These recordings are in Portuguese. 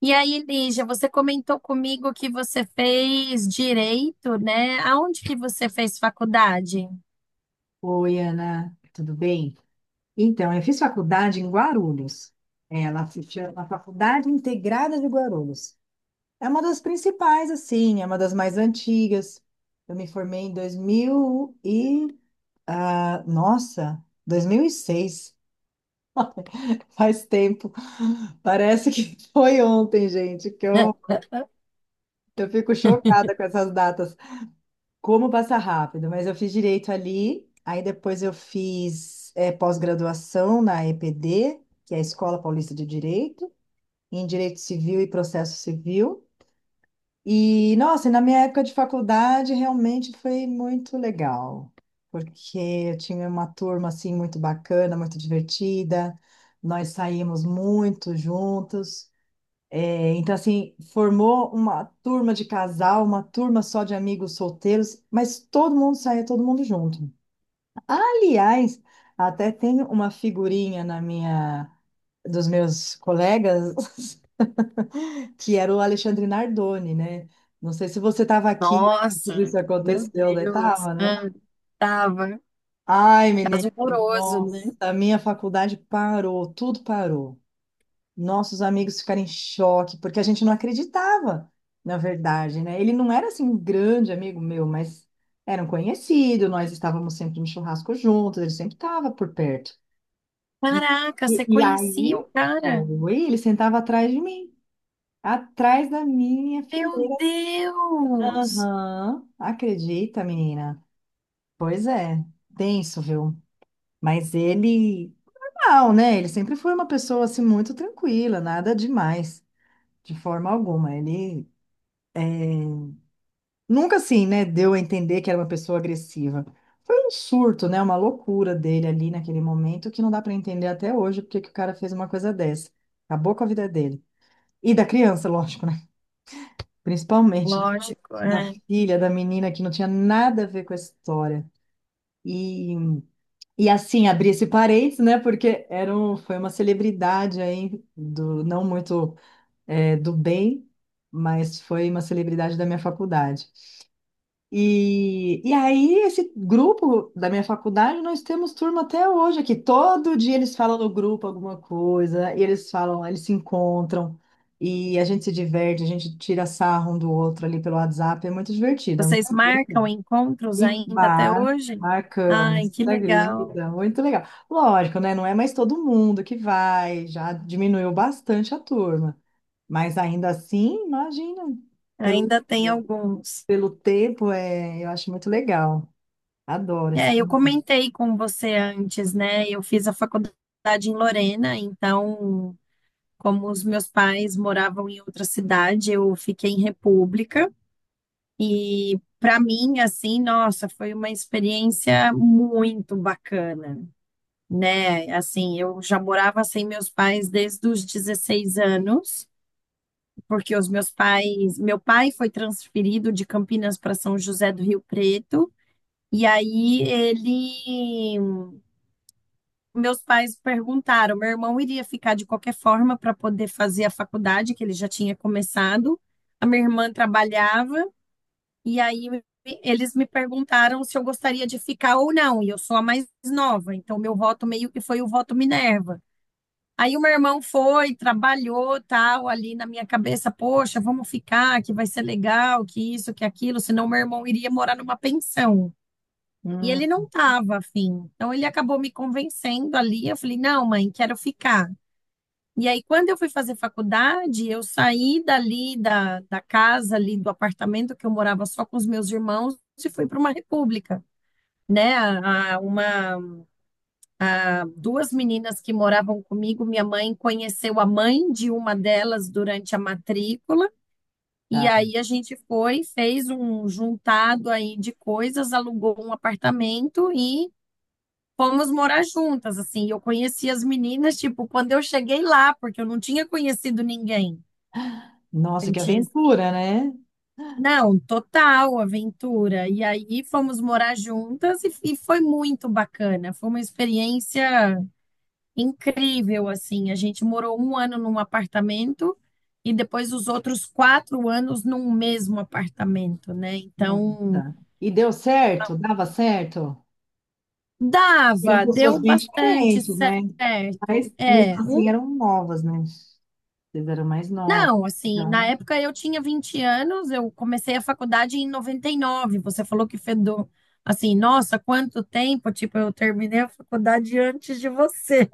E aí, Lígia, você comentou comigo que você fez direito, né? Aonde que você fez faculdade? Oi, Ana, tudo bem? Então, eu fiz faculdade em Guarulhos. Ela se chama Faculdade Integrada de Guarulhos. É uma das principais, assim, é uma das mais antigas. Eu me formei em 2000 e... ah, nossa, 2006. Faz tempo. Parece que foi ontem, gente, que eu, eu fico chocada com essas datas. Como passar rápido, mas eu fiz direito ali, aí depois eu fiz pós-graduação na EPD, que é a Escola Paulista de Direito, em Direito Civil e Processo Civil. E, nossa, e na minha época de faculdade realmente foi muito legal, porque eu tinha uma turma assim muito bacana, muito divertida, nós saímos muito juntos. É. Então, assim, formou uma turma de casal, uma turma só de amigos solteiros, mas todo mundo saía, todo mundo junto. Aliás, até tem uma figurinha na minha, dos meus colegas, que era o Alexandre Nardoni, né? Não sei se você estava aqui, tudo Nossa, isso meu aconteceu, né? Deus, Tava, né? ah, tava Ai, menina, caso horroroso, nossa, né? a minha faculdade parou, tudo parou. Nossos amigos ficaram em choque, porque a gente não acreditava, na verdade, né? Ele não era assim um grande amigo meu, mas era um conhecido, nós estávamos sempre no churrasco juntos, ele sempre estava por perto. E, Caraca, e, você e conhecia o aí, cara? foi, ele sentava atrás de mim, atrás da minha Meu fileira. Deus! Aham, acredita, menina? Pois é, tenso, viu? Mas ele, não, né? Ele sempre foi uma pessoa assim muito tranquila, nada demais, de forma alguma. Ele nunca assim, né, deu a entender que era uma pessoa agressiva. Foi um surto, né, uma loucura dele ali naquele momento que não dá para entender até hoje porque que o cara fez uma coisa dessa. Acabou com a vida dele. E da criança, lógico, né? Principalmente Lógico, da é. filha, da menina que não tinha nada a ver com a história. E, e assim, abrir esse parênteses, né, porque era um, foi uma celebridade aí, do, não muito do bem, mas foi uma celebridade da minha faculdade. E aí, esse grupo da minha faculdade, nós temos turma até hoje aqui. Todo dia eles falam no grupo alguma coisa, e eles falam, eles se encontram, e a gente se diverte, a gente tira sarro um do outro ali pelo WhatsApp, é muito divertido. É muito Vocês marcam legal. encontros E ainda até mar, hoje? Ai, Marcamos, que você legal. acredita? Muito legal. Lógico, né? Não é mais todo mundo que vai, já diminuiu bastante a turma, mas ainda assim, imagina, pelo. Ainda tem alguns. Pelo tempo, é, eu acho muito legal. Adoro É, esse. eu comentei com você antes, né? Eu fiz a faculdade em Lorena, então, como os meus pais moravam em outra cidade, eu fiquei em República. E para mim, assim, nossa, foi uma experiência muito bacana, né? Assim, eu já morava sem meus pais desde os 16 anos, porque os meus pais, meu pai foi transferido de Campinas para São José do Rio Preto. E aí ele meus pais perguntaram, meu irmão iria ficar de qualquer forma para poder fazer a faculdade, que ele já tinha começado. A minha irmã trabalhava, e aí eles me perguntaram se eu gostaria de ficar ou não, e eu sou a mais nova, então meu voto meio que foi o voto Minerva. Aí o meu irmão foi, trabalhou, tal, ali na minha cabeça, poxa, vamos ficar, que vai ser legal, que isso, que aquilo, senão meu irmão iria morar numa pensão. E Hum, ele não estava afim. Então ele acabou me convencendo ali. Eu falei, não, mãe, quero ficar. E aí, quando eu fui fazer faculdade, eu saí dali da casa, ali do apartamento que eu morava só com os meus irmãos e fui para uma república, né? Duas meninas que moravam comigo, minha mãe conheceu a mãe de uma delas durante a matrícula. E tá. aí a gente foi, fez um juntado aí de coisas, alugou um apartamento e fomos morar juntas, assim. Eu conheci as meninas, tipo, quando eu cheguei lá, porque eu não tinha conhecido ninguém Nossa, que antes. aventura, né? Não, total aventura. E aí fomos morar juntas e foi muito bacana. Foi uma experiência incrível, assim. A gente morou um ano num apartamento e depois os outros 4 anos num mesmo apartamento, né? Nossa. Então, E deu certo? Dava certo? Eram dava, pessoas deu bem bastante diferentes, certo. né? Mas mesmo É, assim eram novas, né? Vocês eram mais novos. não, assim, na Então, época eu tinha 20 anos, eu comecei a faculdade em 99. Você falou que fez assim, nossa, quanto tempo, tipo, eu terminei a faculdade antes de você.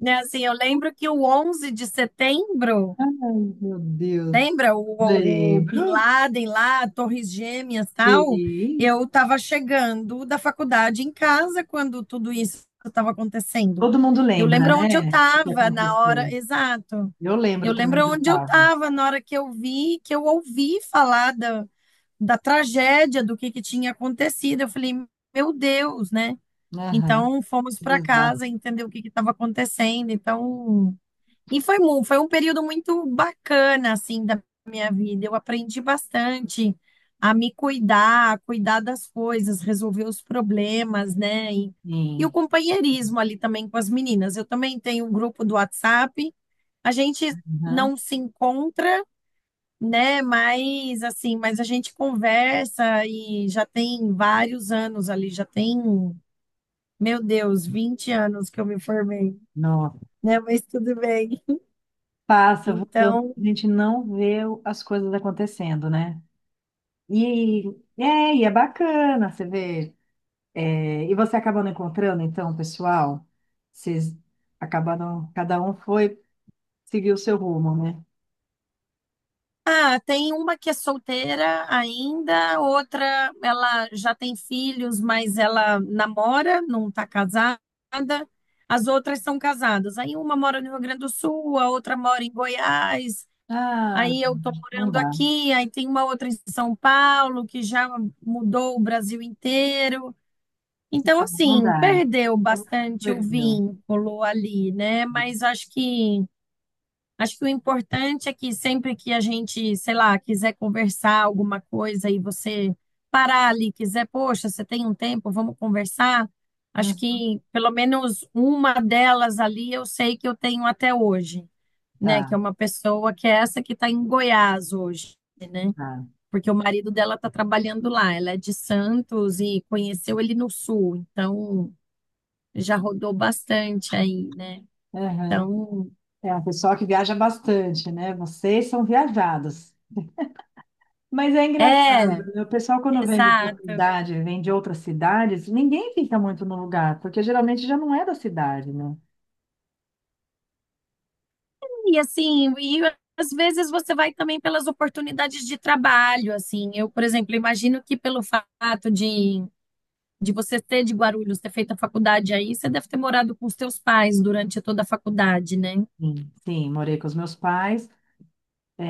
Né, assim, eu lembro que o 11 de setembro. ai, meu Deus. Lembra o Bin Lembro. Laden lá, Torres Gêmeas, tal? Sim. Eu estava chegando da faculdade em casa quando tudo isso estava acontecendo. Todo mundo Eu lembra, lembro onde eu né? O que estava na hora, aconteceu. exato. Eu Eu lembro também lembro onde eu onde eu estava. estava na hora que eu vi, que eu ouvi falar da tragédia, do que tinha acontecido. Eu falei, meu Deus, né? Aham. Então fomos para Exato. casa entender o que que estava acontecendo. Então e foi um período muito bacana, assim, da minha vida. Eu aprendi bastante a me cuidar, a cuidar das coisas, resolver os problemas, né? E o Sim. companheirismo ali também com as meninas. Eu também tenho um grupo do WhatsApp. A gente Aham. não se encontra, né? Mas, assim, mas a gente conversa e já tem vários anos ali, já tem, meu Deus, 20 anos que eu me formei, Nossa. né? Mas tudo bem. Passa, voltando, Então, a gente não vê o- as coisas acontecendo, né? E e é bacana, você vê. É, e você acabando encontrando, então, o pessoal, vocês acabaram, cada um foi seguir o seu rumo, né? ah, tem uma que é solteira ainda, outra ela já tem filhos, mas ela namora, não está casada. As outras são casadas. Aí uma mora no Rio Grande do Sul, a outra mora em Goiás. Ah, Aí eu estou não morando dá, aqui, aí tem uma outra em São Paulo que já mudou o Brasil inteiro. Então, não assim, dá. perdeu É muito bastante o legal. vínculo ali, né? Mas acho que o importante é que sempre que a gente, sei lá, quiser conversar alguma coisa e você parar ali, quiser, poxa, você tem um tempo, vamos conversar. Acho Hum, que pelo menos uma delas ali eu sei que eu tenho até hoje, né? Que é Tá, uma pessoa que é essa que está em Goiás hoje, né? tá. Porque o marido dela está trabalhando lá. Ela é de Santos e conheceu ele no Sul, então já rodou bastante aí, né? Aham. Então, É um pessoal que viaja bastante, né? Vocês são viajados. Mas é engraçado, é, né? O pessoal, quando vem de outra exato. cidade, vem de outras cidades, ninguém fica muito no lugar, porque geralmente já não é da cidade, né? E assim, e às vezes você vai também pelas oportunidades de trabalho, assim. Eu, por exemplo, imagino que pelo fato de você ser de Guarulhos, ter feito a faculdade aí, você deve ter morado com os seus pais durante toda a faculdade, né? Sim, sim, morei com os meus pais,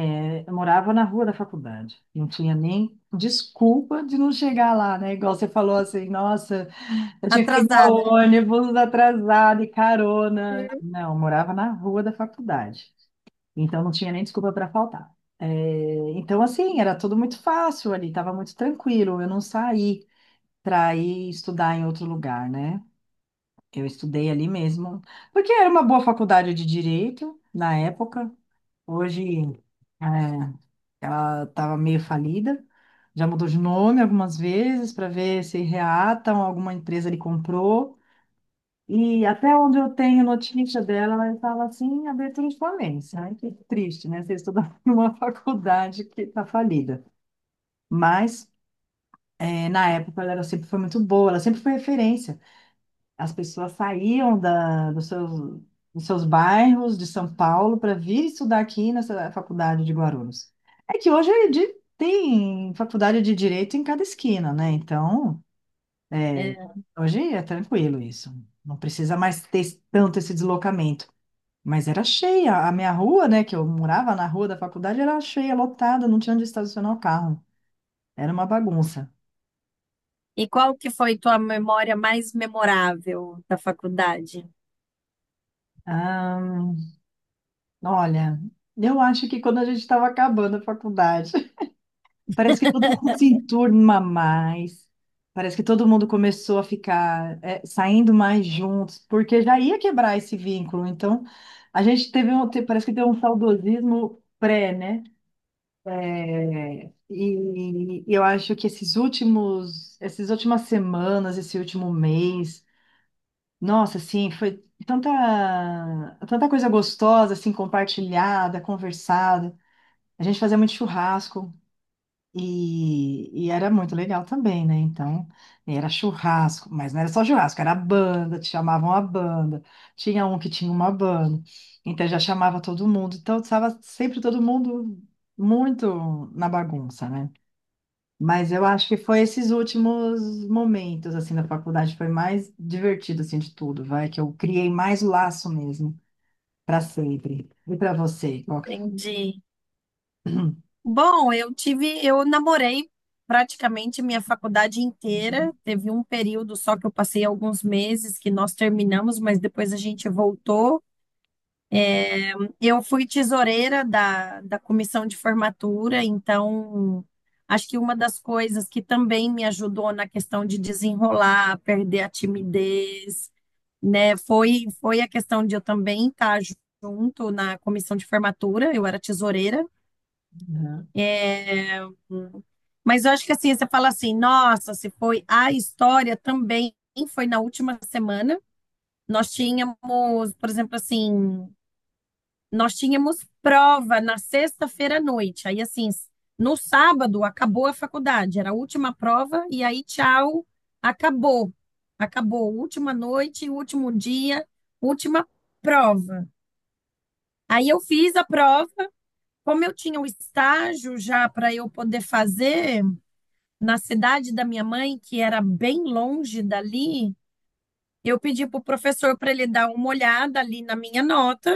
é, eu morava na rua da faculdade, não tinha nem desculpa de não chegar lá, né? Igual você falou assim, nossa, eu tinha que pegar Atrasada. o ônibus atrasado e carona. Não, eu morava na rua da faculdade, então não tinha nem desculpa para faltar. É, então, assim, era tudo muito fácil ali, estava muito tranquilo, eu não saí para ir estudar em outro lugar, né? Eu estudei ali mesmo, porque era uma boa faculdade de direito na época. Hoje, é, ela estava meio falida, já mudou de nome algumas vezes para ver se reatam, alguma empresa lhe comprou. E até onde eu tenho notícia dela, ela estava assim, em abertura de falência. Ai, que triste, né? Você estudar numa faculdade que está falida. Mas, é, na época, ela era- sempre foi muito boa, ela sempre foi referência. As pessoas saíam da, dos seus bairros de São Paulo para vir estudar aqui nessa faculdade de Guarulhos. É que hoje é de- tem faculdade de direito em cada esquina, né? Então, É. hoje é tranquilo isso. Não precisa mais ter esse- tanto esse deslocamento. Mas era cheia. A minha rua, né, que eu morava na rua da faculdade, era cheia, lotada, não tinha onde estacionar o carro. Era uma bagunça. E qual que foi tua memória mais memorável da faculdade? Ah, olha, eu acho que quando a gente estava acabando a faculdade. Parece que todo mundo se enturma mais. Parece que todo mundo começou a ficar é, saindo mais juntos, porque já ia quebrar esse vínculo. Então, a gente teve um, te- parece que teve um saudosismo pré, né? É, e, eu acho que esses últimos, essas últimas semanas, esse último mês, nossa, assim, foi tanta, tanta coisa gostosa, assim, compartilhada, conversada. A gente fazia muito churrasco. E era muito legal também, né? Então, era churrasco, mas não era só churrasco, era banda, te chamavam a banda. Tinha um que tinha uma banda, então já chamava todo mundo. Então, estava sempre todo mundo muito na bagunça, né? Mas eu acho que foi esses últimos momentos, assim, da faculdade, foi mais divertido, assim, de tudo, vai, que eu criei mais laço mesmo, para sempre. E para você, qual que... foi? Entendi. Bom, eu tive, eu namorei praticamente minha faculdade inteira. Teve um período só que eu passei alguns meses que nós terminamos, mas depois a gente voltou. Eu fui tesoureira da comissão de formatura, então acho que uma das coisas que também me ajudou na questão de desenrolar, perder a timidez, né, foi a questão de eu também estar junto na comissão de formatura. Eu era tesoureira. Uhum. É. Mas eu acho que assim, você fala assim, nossa, se foi a história também foi na última semana. Nós tínhamos, por exemplo, assim, nós tínhamos prova na sexta-feira à noite. Aí, assim, no sábado acabou a faculdade, era a última prova, e aí, tchau, acabou. Acabou, última noite, último dia, última prova. Aí eu fiz a prova, como eu tinha o estágio já para eu poder fazer, na cidade da minha mãe, que era bem longe dali, eu pedi para o professor para ele dar uma olhada ali na minha nota.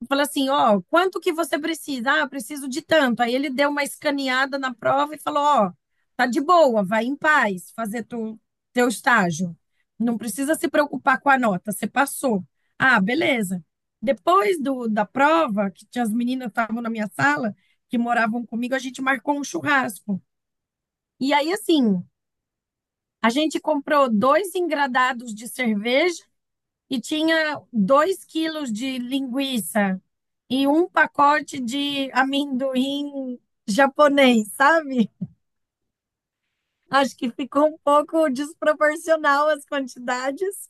Eu falei assim, ó, quanto que você precisa? Ah, eu preciso de tanto. Aí ele deu uma escaneada na prova e falou, ó, tá de boa, vai em paz fazer teu estágio. Não precisa se preocupar com a nota, você passou. Ah, beleza. Depois da prova, que tinha as meninas que estavam na minha sala, que moravam comigo, a gente marcou um churrasco. E aí, assim, a gente comprou dois engradados de cerveja e tinha 2 quilos de linguiça e um pacote de amendoim japonês, sabe? Acho que ficou um pouco desproporcional as quantidades.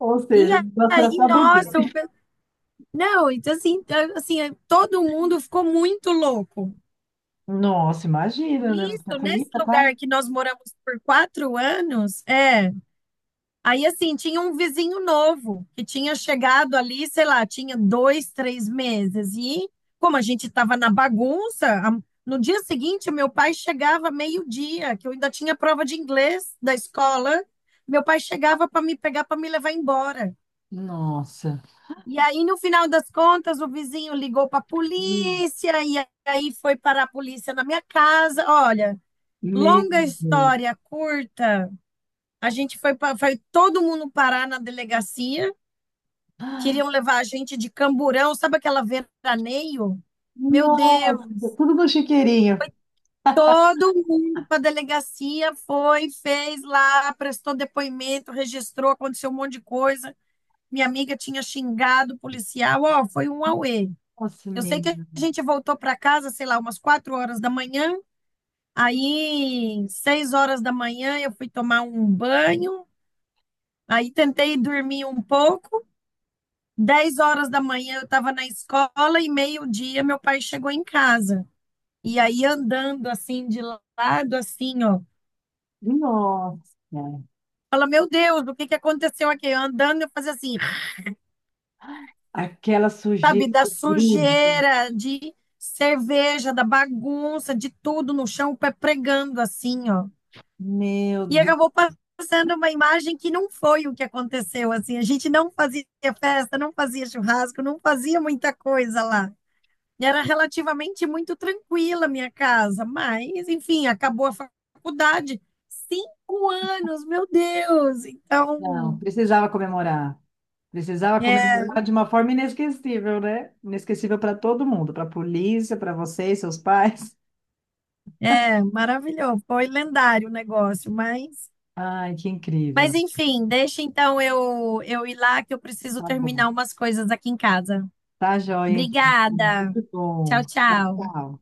Ou E seja, o negócio era aí, só beber. nossa, não, então assim, assim, todo mundo ficou muito louco. Nossa, imagina, né? Não tinha Nisso, nesse comida quase. lugar que nós moramos por 4 anos, é. Aí, assim, tinha um vizinho novo que tinha chegado ali, sei lá, tinha dois, três meses. E como a gente estava na bagunça, no dia seguinte, meu pai chegava meio-dia, que eu ainda tinha prova de inglês da escola. Meu pai chegava para me pegar, para me levar embora. Nossa. E aí, no final das contas, o vizinho ligou para a Meu polícia, e aí foi parar a polícia na minha casa. Olha, meu longa Deus. história curta, a gente foi todo mundo parar na delegacia. Queriam levar a gente de Camburão, sabe aquela veraneio? Meu Deus, Nossa, tudo no chiqueirinho. todo mundo para a delegacia foi, fez lá, prestou depoimento, registrou, aconteceu um monte de coisa. Minha amiga tinha xingado o policial, ó, oh, foi um auê. Nossa, Eu sei que a menina. gente voltou para casa, sei lá, umas 4 horas da manhã. Aí, 6 horas da manhã, eu fui tomar um banho. Aí, tentei dormir um pouco. 10 horas da manhã eu estava na escola e meio-dia meu pai chegou em casa. E aí andando assim de lado, assim, ó. Nossa. Fala, meu Deus, o que que aconteceu aqui? Eu andando, eu fazia assim, Aquela sujeira sabe, da que grude. sujeira, de cerveja, da bagunça, de tudo no chão, o pé pregando assim, ó. Meu E Deus. acabou passando uma imagem que não foi o que aconteceu, assim. A gente não fazia festa, não fazia churrasco, não fazia muita coisa lá. Era relativamente muito tranquila a minha casa, mas, enfim, acabou a faculdade. 5 anos, meu Deus! Não, Então, precisava comemorar. Precisava é, comemorar de uma forma inesquecível, né? Inesquecível para todo mundo, para a polícia, para vocês, seus pais. é maravilhoso. Foi lendário o negócio, mas, Ai, que incrível. mas enfim, deixa então eu ir lá que eu preciso Tá bom. terminar umas coisas aqui em casa. Tá joia, hein? Obrigada. Muito bom. Tchau, Tchau, tchau. tchau.